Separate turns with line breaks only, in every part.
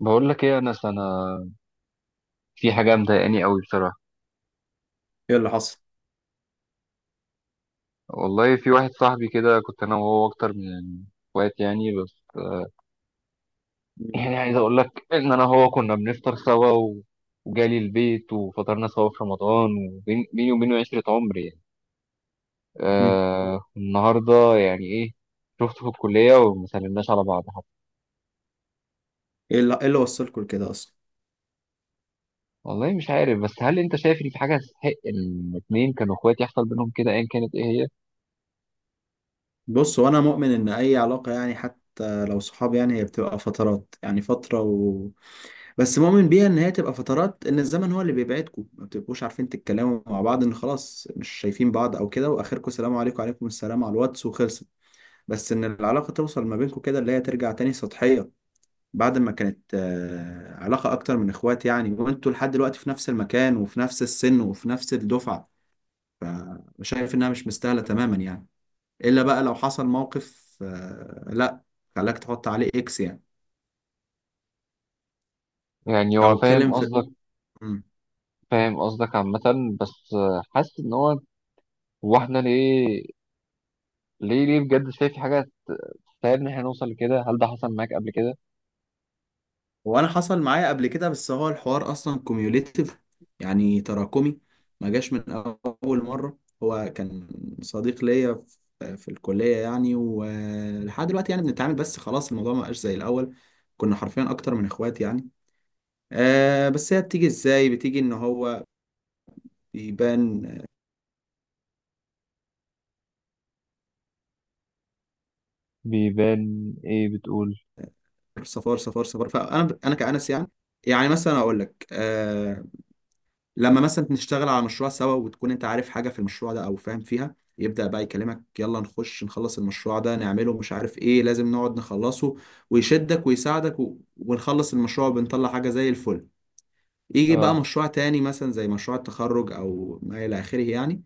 بقول لك ايه، انا في حاجه مضايقاني قوي بصراحه.
ايه اللي حصل؟
والله في واحد صاحبي كده، كنت انا وهو اكتر من اخوات يعني بس
مم.
يعني عايز اقول لك ان انا هو كنا بنفطر سوا وجالي البيت وفطرنا سوا في رمضان، وبيني وبينه عشرة عمر يعني.
مم.
النهارده يعني ايه، شفته في الكليه وما سلمناش على بعض حتى.
ايه اللي وصلكوا لكده اصلا؟
والله مش عارف، بس هل انت شايف ان في حاجه تستحق ان اتنين كانوا اخوات يحصل بينهم كده ايا كانت ايه هي؟
بص، وانا مؤمن ان اي علاقه، يعني حتى لو صحاب، يعني هي بتبقى فترات، يعني فتره. بس مؤمن بيها ان هي تبقى فترات، ان الزمن هو اللي بيبعدكم، ما بتبقوش عارفين تتكلموا مع بعض، ان خلاص مش شايفين بعض او كده، واخركم سلام عليكم وعليكم السلام على الواتس وخلصت. بس ان العلاقه توصل ما بينكم كده اللي هي ترجع تاني سطحيه، بعد ما كانت علاقه اكتر من اخوات يعني، وانتوا لحد دلوقتي في نفس المكان وفي نفس السن وفي نفس الدفعه. فشايف انها مش مستاهله تماما يعني. الا بقى لو حصل موقف، لا، خلاك تحط عليه اكس يعني،
يعني
او
هو فاهم
اتكلم في.
قصدك
مم.
فاهم قصدك عامة، بس حاسس ان هو احنا ليه، ليه بجد شايف في حاجة تستاهل ان احنا نوصل لكده؟ هل ده حصل معاك قبل كده؟
هو انا حصل معايا قبل كده، بس هو الحوار اصلا كوميوليتيف، يعني تراكمي. ما جاش من اول مره. هو كان صديق ليا في الكليه يعني، ولحد دلوقتي يعني بنتعامل، بس خلاص الموضوع ما بقاش زي الاول. كنا حرفيا اكتر من اخوات يعني. آه بس هي بتيجي ازاي؟ بتيجي ان هو بيبان
بيبان ايه بتقول؟
صفار صفار صفار، فانا كأنس يعني. يعني مثلا اقول لك، لما مثلا نشتغل على مشروع سوا، وتكون انت عارف حاجه في المشروع ده او فاهم فيها، يبدأ بقى يكلمك يلا نخش نخلص المشروع ده، نعمله مش عارف ايه، لازم نقعد نخلصه. ويشدك ويساعدك ونخلص المشروع، بنطلع حاجه زي الفل. يجي بقى
اه
مشروع تاني مثلا زي مشروع التخرج او ما الى اخره يعني،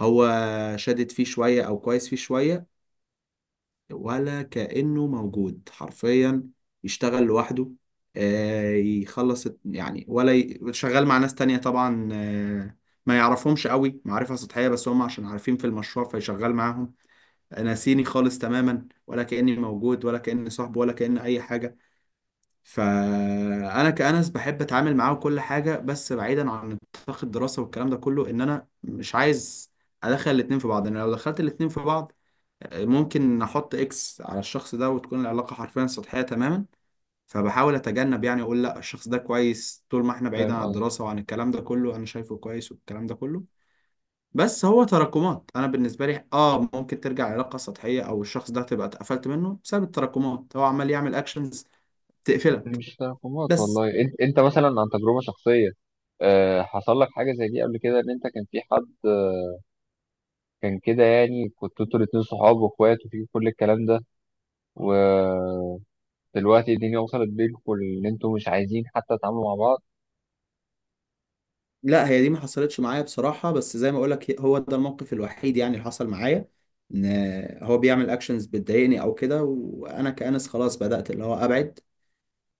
هو شادد فيه شويه او كويس فيه شويه، ولا كأنه موجود حرفيا. يشتغل لوحده، يخلص يعني، ولا شغال مع ناس تانية طبعا، ما يعرفهمش قوي، معرفة سطحية، بس هم عشان عارفين في المشروع فيشغال معاهم. ناسيني خالص تماما، ولا كأني موجود، ولا كأني صاحبه، ولا كأني أي حاجة. فأنا كأنس بحب أتعامل معاه وكل حاجة، بس بعيدا عن نطاق الدراسة والكلام ده كله. إن أنا مش عايز أدخل الاتنين في بعض. أنا لو دخلت الاتنين في بعض ممكن نحط اكس على الشخص ده، وتكون العلاقة حرفيا سطحية تماما. فبحاول اتجنب يعني، اقول لا، الشخص ده كويس طول ما احنا بعيدا
فاهم
عن
قصدك.
الدراسة وعن الكلام ده كله، انا شايفه كويس والكلام ده كله. بس هو تراكمات. انا بالنسبة لي، اه، ممكن ترجع علاقة سطحية، او الشخص ده تبقى اتقفلت منه بسبب التراكمات. هو عمال يعمل اكشنز تقفلك.
مش تراكمات
بس
والله. انت مثلا، عن تجربة شخصية حصل لك حاجة زي دي قبل كده؟ ان انت كان في حد كان كده يعني، كنتوا انتوا الاتنين صحاب واخوات وفي كل الكلام ده، ودلوقتي الدنيا وصلت بينكم ان انتوا مش عايزين حتى تتعاملوا مع بعض؟
لا، هي دي ما حصلتش معايا بصراحة، بس زي ما اقولك هو ده الموقف الوحيد يعني اللي حصل معايا، ان هو بيعمل اكشنز بتضايقني او كده، وانا كأنس خلاص بدأت اللي هو ابعد،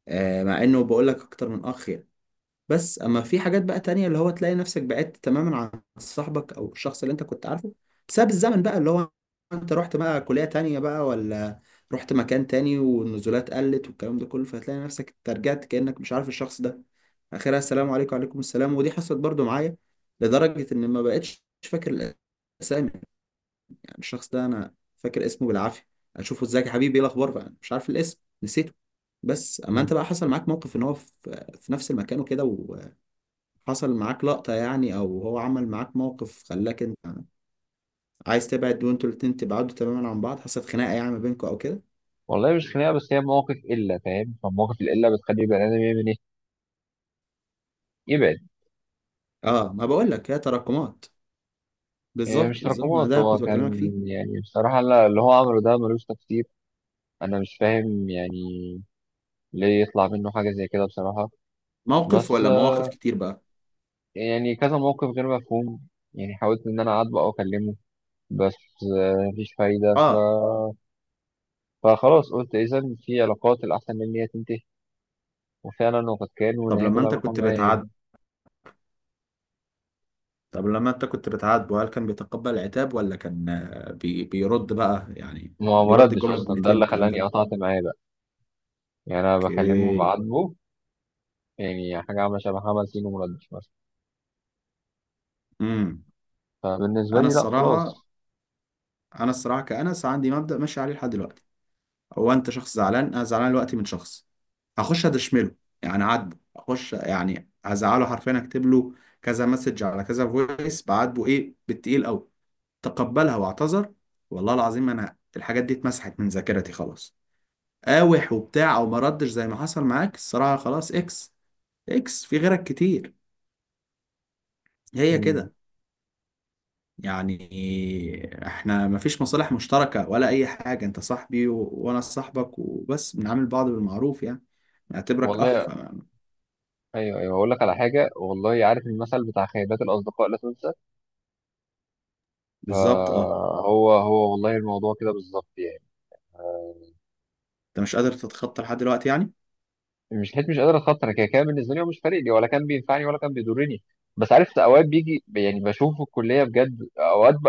مع انه بقول لك اكتر من اخ يعني. بس اما في حاجات بقى تانية، اللي هو تلاقي نفسك بعدت تماما عن صاحبك او الشخص اللي انت كنت عارفه، بسبب الزمن بقى، اللي هو انت رحت بقى كلية تانية بقى، ولا رحت مكان تاني والنزولات قلت والكلام ده كله، فتلاقي نفسك أنت رجعت كأنك مش عارف الشخص ده. اخرها السلام عليكم وعليكم السلام، ودي حصلت برضو معايا، لدرجة ان ما بقتش فاكر الاسامي. الشخص ده انا فاكر اسمه بالعافيه، اشوفه ازيك يا حبيبي، ايه الاخبار بقى، مش عارف الاسم، نسيته. بس اما انت بقى حصل معاك موقف ان هو في نفس المكان وكده، وحصل معاك لقطه يعني، او هو عمل معاك موقف خلاك انت عايز تبعد، وانتوا الاتنين تبعدوا تماما عن بعض، حصلت خناقه يعني ما بينكم او كده؟
والله مش خناقه، بس هي مواقف قله، فاهم؟ فمواقف القله بتخلي البني ادم يعمل ايه؟ يبعد.
اه، ما بقول لك هي تراكمات.
إيه
بالظبط
مش
بالظبط، ما
تراكمات،
ده
هو
كنت
كان
بكلمك فيه.
يعني بصراحه اللي هو عمله ده ملوش تفسير. انا مش فاهم يعني ليه يطلع منه حاجه زي كده بصراحه.
موقف
بس
ولا مواقف كتير بقى؟
يعني كذا موقف غير مفهوم. يعني حاولت ان انا اعاتبه او اكلمه، بس مفيش فايده.
اه.
فخلاص قلت اذا في علاقات الاحسن ان هي تنتهي، وفعلا وقد كان،
طب
ونهيت
لما انت
العلاقه
كنت
معاه
بتعدي،
يعني.
طب لما انت كنت بتعاتبه، هل كان بيتقبل العتاب، ولا كان آه، بي بيرد بقى يعني؟
ما
بيرد
ردش
الجملة
اصلا، ده
بجملتين
اللي
والكلام
خلاني
ده؟
قطعت معاه بقى. يعني انا بكلمه
اوكي.
بعاتبه يعني حاجة عاملة شبه حمل سين، ومردش مثلا.
امم.
فبالنسبة
انا
لي لا خلاص.
الصراحة انا الصراحة كأنس عندي مبدأ ماشي عليه لحد دلوقتي. هو انت شخص زعلان، انا زعلان دلوقتي من شخص، هخش ادشمله، يعني اعاتبه، اخش يعني هزعله حرفيا، اكتب له كذا مسج على كذا فويس، بعاتبه ايه بالتقيل قوي. تقبلها واعتذر، والله العظيم انا الحاجات دي اتمسحت من ذاكرتي خلاص. قاوح وبتاع، او ما ردش زي ما حصل معاك، الصراحه خلاص اكس. اكس في غيرك كتير. هي
مم.
كده يعني. احنا مفيش مصالح مشتركه ولا اي حاجه، انت صاحبي وانا صاحبك، وبس بنعامل بعض بالمعروف يعني، نعتبرك اخ ف.
والله أيوه، أيوه، أقول لك على حاجة. والله عارف المثل بتاع خيبات الأصدقاء لا تنسى؟
بالظبط، اه.
فهو والله الموضوع كده بالظبط يعني.
انت مش قادر تتخطى لحد دلوقتي يعني؟
مش قادر أتخطى، كده كده بالنسبة لي هو مش فارق لي ولا كان بينفعني ولا كان بيضرني. بس عارف أوقات بيجي يعني بشوفه في الكلية بجد، أوقات ب...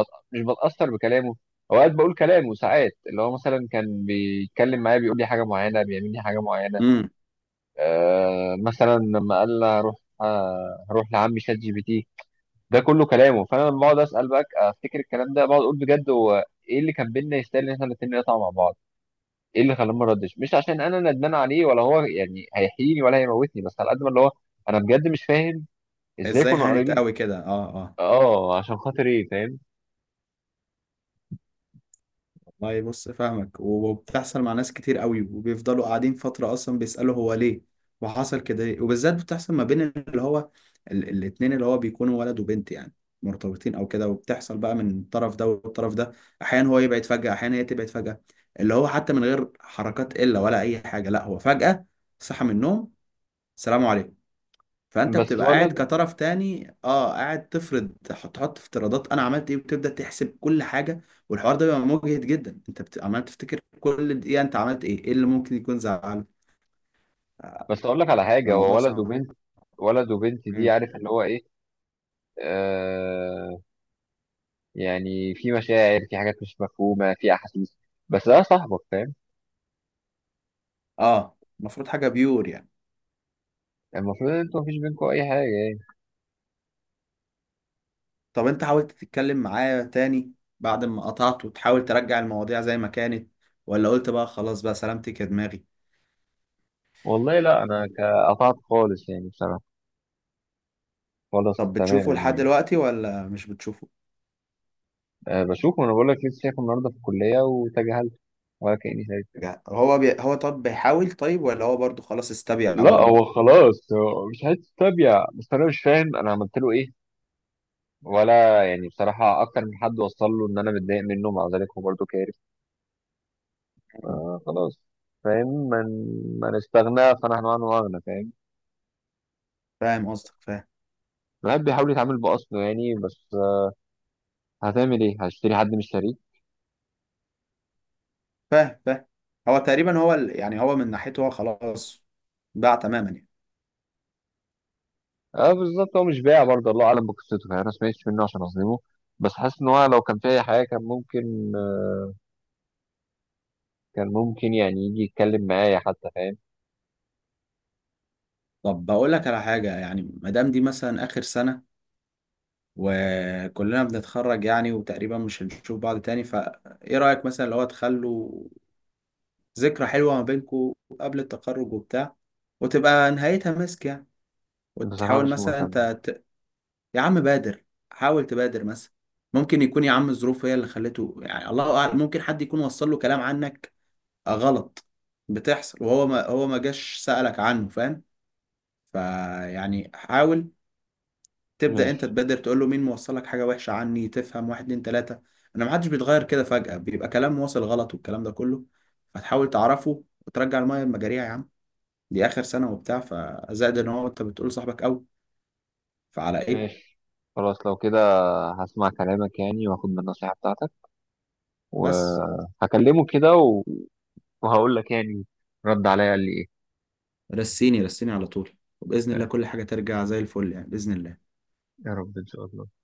بت... مش بتأثر بكلامه. أوقات بقول كلامه ساعات، اللي هو مثلا كان بيتكلم معايا بيقول لي حاجة معينة، بيعمل لي حاجة معينة.
امم.
آه مثلا لما قال لي هروح لعمي شات جي بي تي، ده كله كلامه. فانا لما بقعد اسال بقى افتكر الكلام ده، بقعد اقول بجد هو ايه اللي كان بينا يستاهل ان احنا الاثنين نقطع مع بعض؟ ايه اللي خلاني ما ردش؟ مش عشان انا ندمان عليه، ولا هو يعني هيحييني ولا هيموتني، بس على قد ما اللي هو انا بجد مش فاهم ازاي
ازاي
كنا
هانت
قريبين.
قوي كده؟ اه اه.
اه عشان خاطر ايه، فاهم؟
والله بص فاهمك، وبتحصل مع ناس كتير قوي، وبيفضلوا قاعدين فترة أصلا بيسألوا هو ليه، وحصل كده ليه. وبالذات بتحصل ما بين اللي هو الاتنين اللي هو بيكونوا ولد وبنت يعني، مرتبطين أو كده. وبتحصل بقى من الطرف ده والطرف ده. أحيانا هو يبعد فجأة، أحيانا هي تبعد فجأة، اللي هو حتى من غير حركات إلا ولا أي حاجة، لا هو فجأة صحى من النوم، سلام عليكم. فانت
بس
بتبقى قاعد
ولد
كطرف تاني، اه، قاعد تفرض، تحط تحط افتراضات انا عملت ايه، وتبدا تحسب كل حاجه. والحوار ده بيبقى مجهد جدا، انت عمال تفتكر كل دقيقه انت عملت ايه، ايه اللي ممكن يكون زعله.
بس اقول لك على حاجه، هو
الموضوع
ولد
صعب.
وبنت. ولد وبنت، دي
مم.
عارف اللي هو ايه. آه يعني في مشاعر، في حاجات مش مفهومة، في أحاسيس. بس ده صاحبك، فاهم؟
اه، المفروض حاجه بيور يعني.
المفروض إن أنتوا مفيش بينكوا أي حاجة يعني.
طب انت حاولت تتكلم معاه تاني بعد ما قطعت، وتحاول ترجع المواضيع زي ما كانت، ولا قلت بقى خلاص بقى سلامتك يا دماغي؟
والله لا، أنا قطعت خالص يعني بصراحة، خالص
طب بتشوفه
تماما
لحد
يعني.
دلوقتي، ولا مش بتشوفه؟
أه بشوفه. أنا بقول لك لسه شايفه النهاردة في الكلية، وتجاهلت ولا كأني شايف.
هو طب بيحاول طيب، ولا هو برضو خلاص استبيع
لا
برضو؟
هو خلاص هو مش عايز تتابع، بس أنا مش فاهم أنا عملت له إيه؟ ولا يعني بصراحة، أكتر من حد وصل له إن أنا متضايق منه، مع ذلك هو برضه كارف. آه خلاص فاهم. من استغنى فنحن عنه أغنى، فاهم؟
فاهم قصدك، فاهم.
الواحد بيحاول يتعامل بأصله يعني، بس هتعمل ايه؟ هشتري حد مش شاريه؟
فاهم فاهم. هو تقريبا هو يعني هو من ناحيته هو خلاص باع تماما يعني.
اه بالظبط. هو مش بايع برضه، الله اعلم بقصته يعني، انا ما سمعتش منه عشان اظلمه. بس حاسس ان هو لو كان في اي حاجه كان ممكن، كان ممكن يعني يجي يتكلم معايا حتى، فاهم؟
طب بقول لك على حاجة، يعني ما دام دي مثلا آخر سنة وكلنا بنتخرج يعني، وتقريبا مش هنشوف بعض تاني، فإيه رأيك مثلا لو تخلوا ذكرى حلوة ما بينكوا قبل التخرج وبتاع، وتبقى نهايتها مسك يعني.
بصراحه
وتحاول
مش
مثلا
مهتم.
أنت ت... يا عم بادر، حاول تبادر مثلا. ممكن يكون يا عم الظروف هي اللي خلته يعني، الله أعلم، ممكن حد يكون وصل له كلام عنك غلط. بتحصل، وهو ما هو ما جاش سألك عنه، فاهم؟ فيعني حاول تبدأ انت
ماشي.
تبادر، تقول له مين موصلك حاجة وحشة عني، تفهم، واحد اتنين تلاتة. انا محدش بيتغير كده فجأة، بيبقى كلام واصل غلط والكلام ده كله. فتحاول تعرفه وترجع المية المجاريع يا عم، دي آخر سنة وبتاع، فزائد ان هو انت بتقول صاحبك قوي، فعلى ايه؟
ماشي خلاص لو كده. هسمع كلامك يعني، واخد من النصيحه بتاعتك،
بس
وهكلمه كده وهقول لك يعني رد عليا قال لي ايه.
رسيني رسيني على طول، وبإذن الله كل حاجة ترجع زي الفل يعني، بإذن الله.
يا رب ان شاء الله.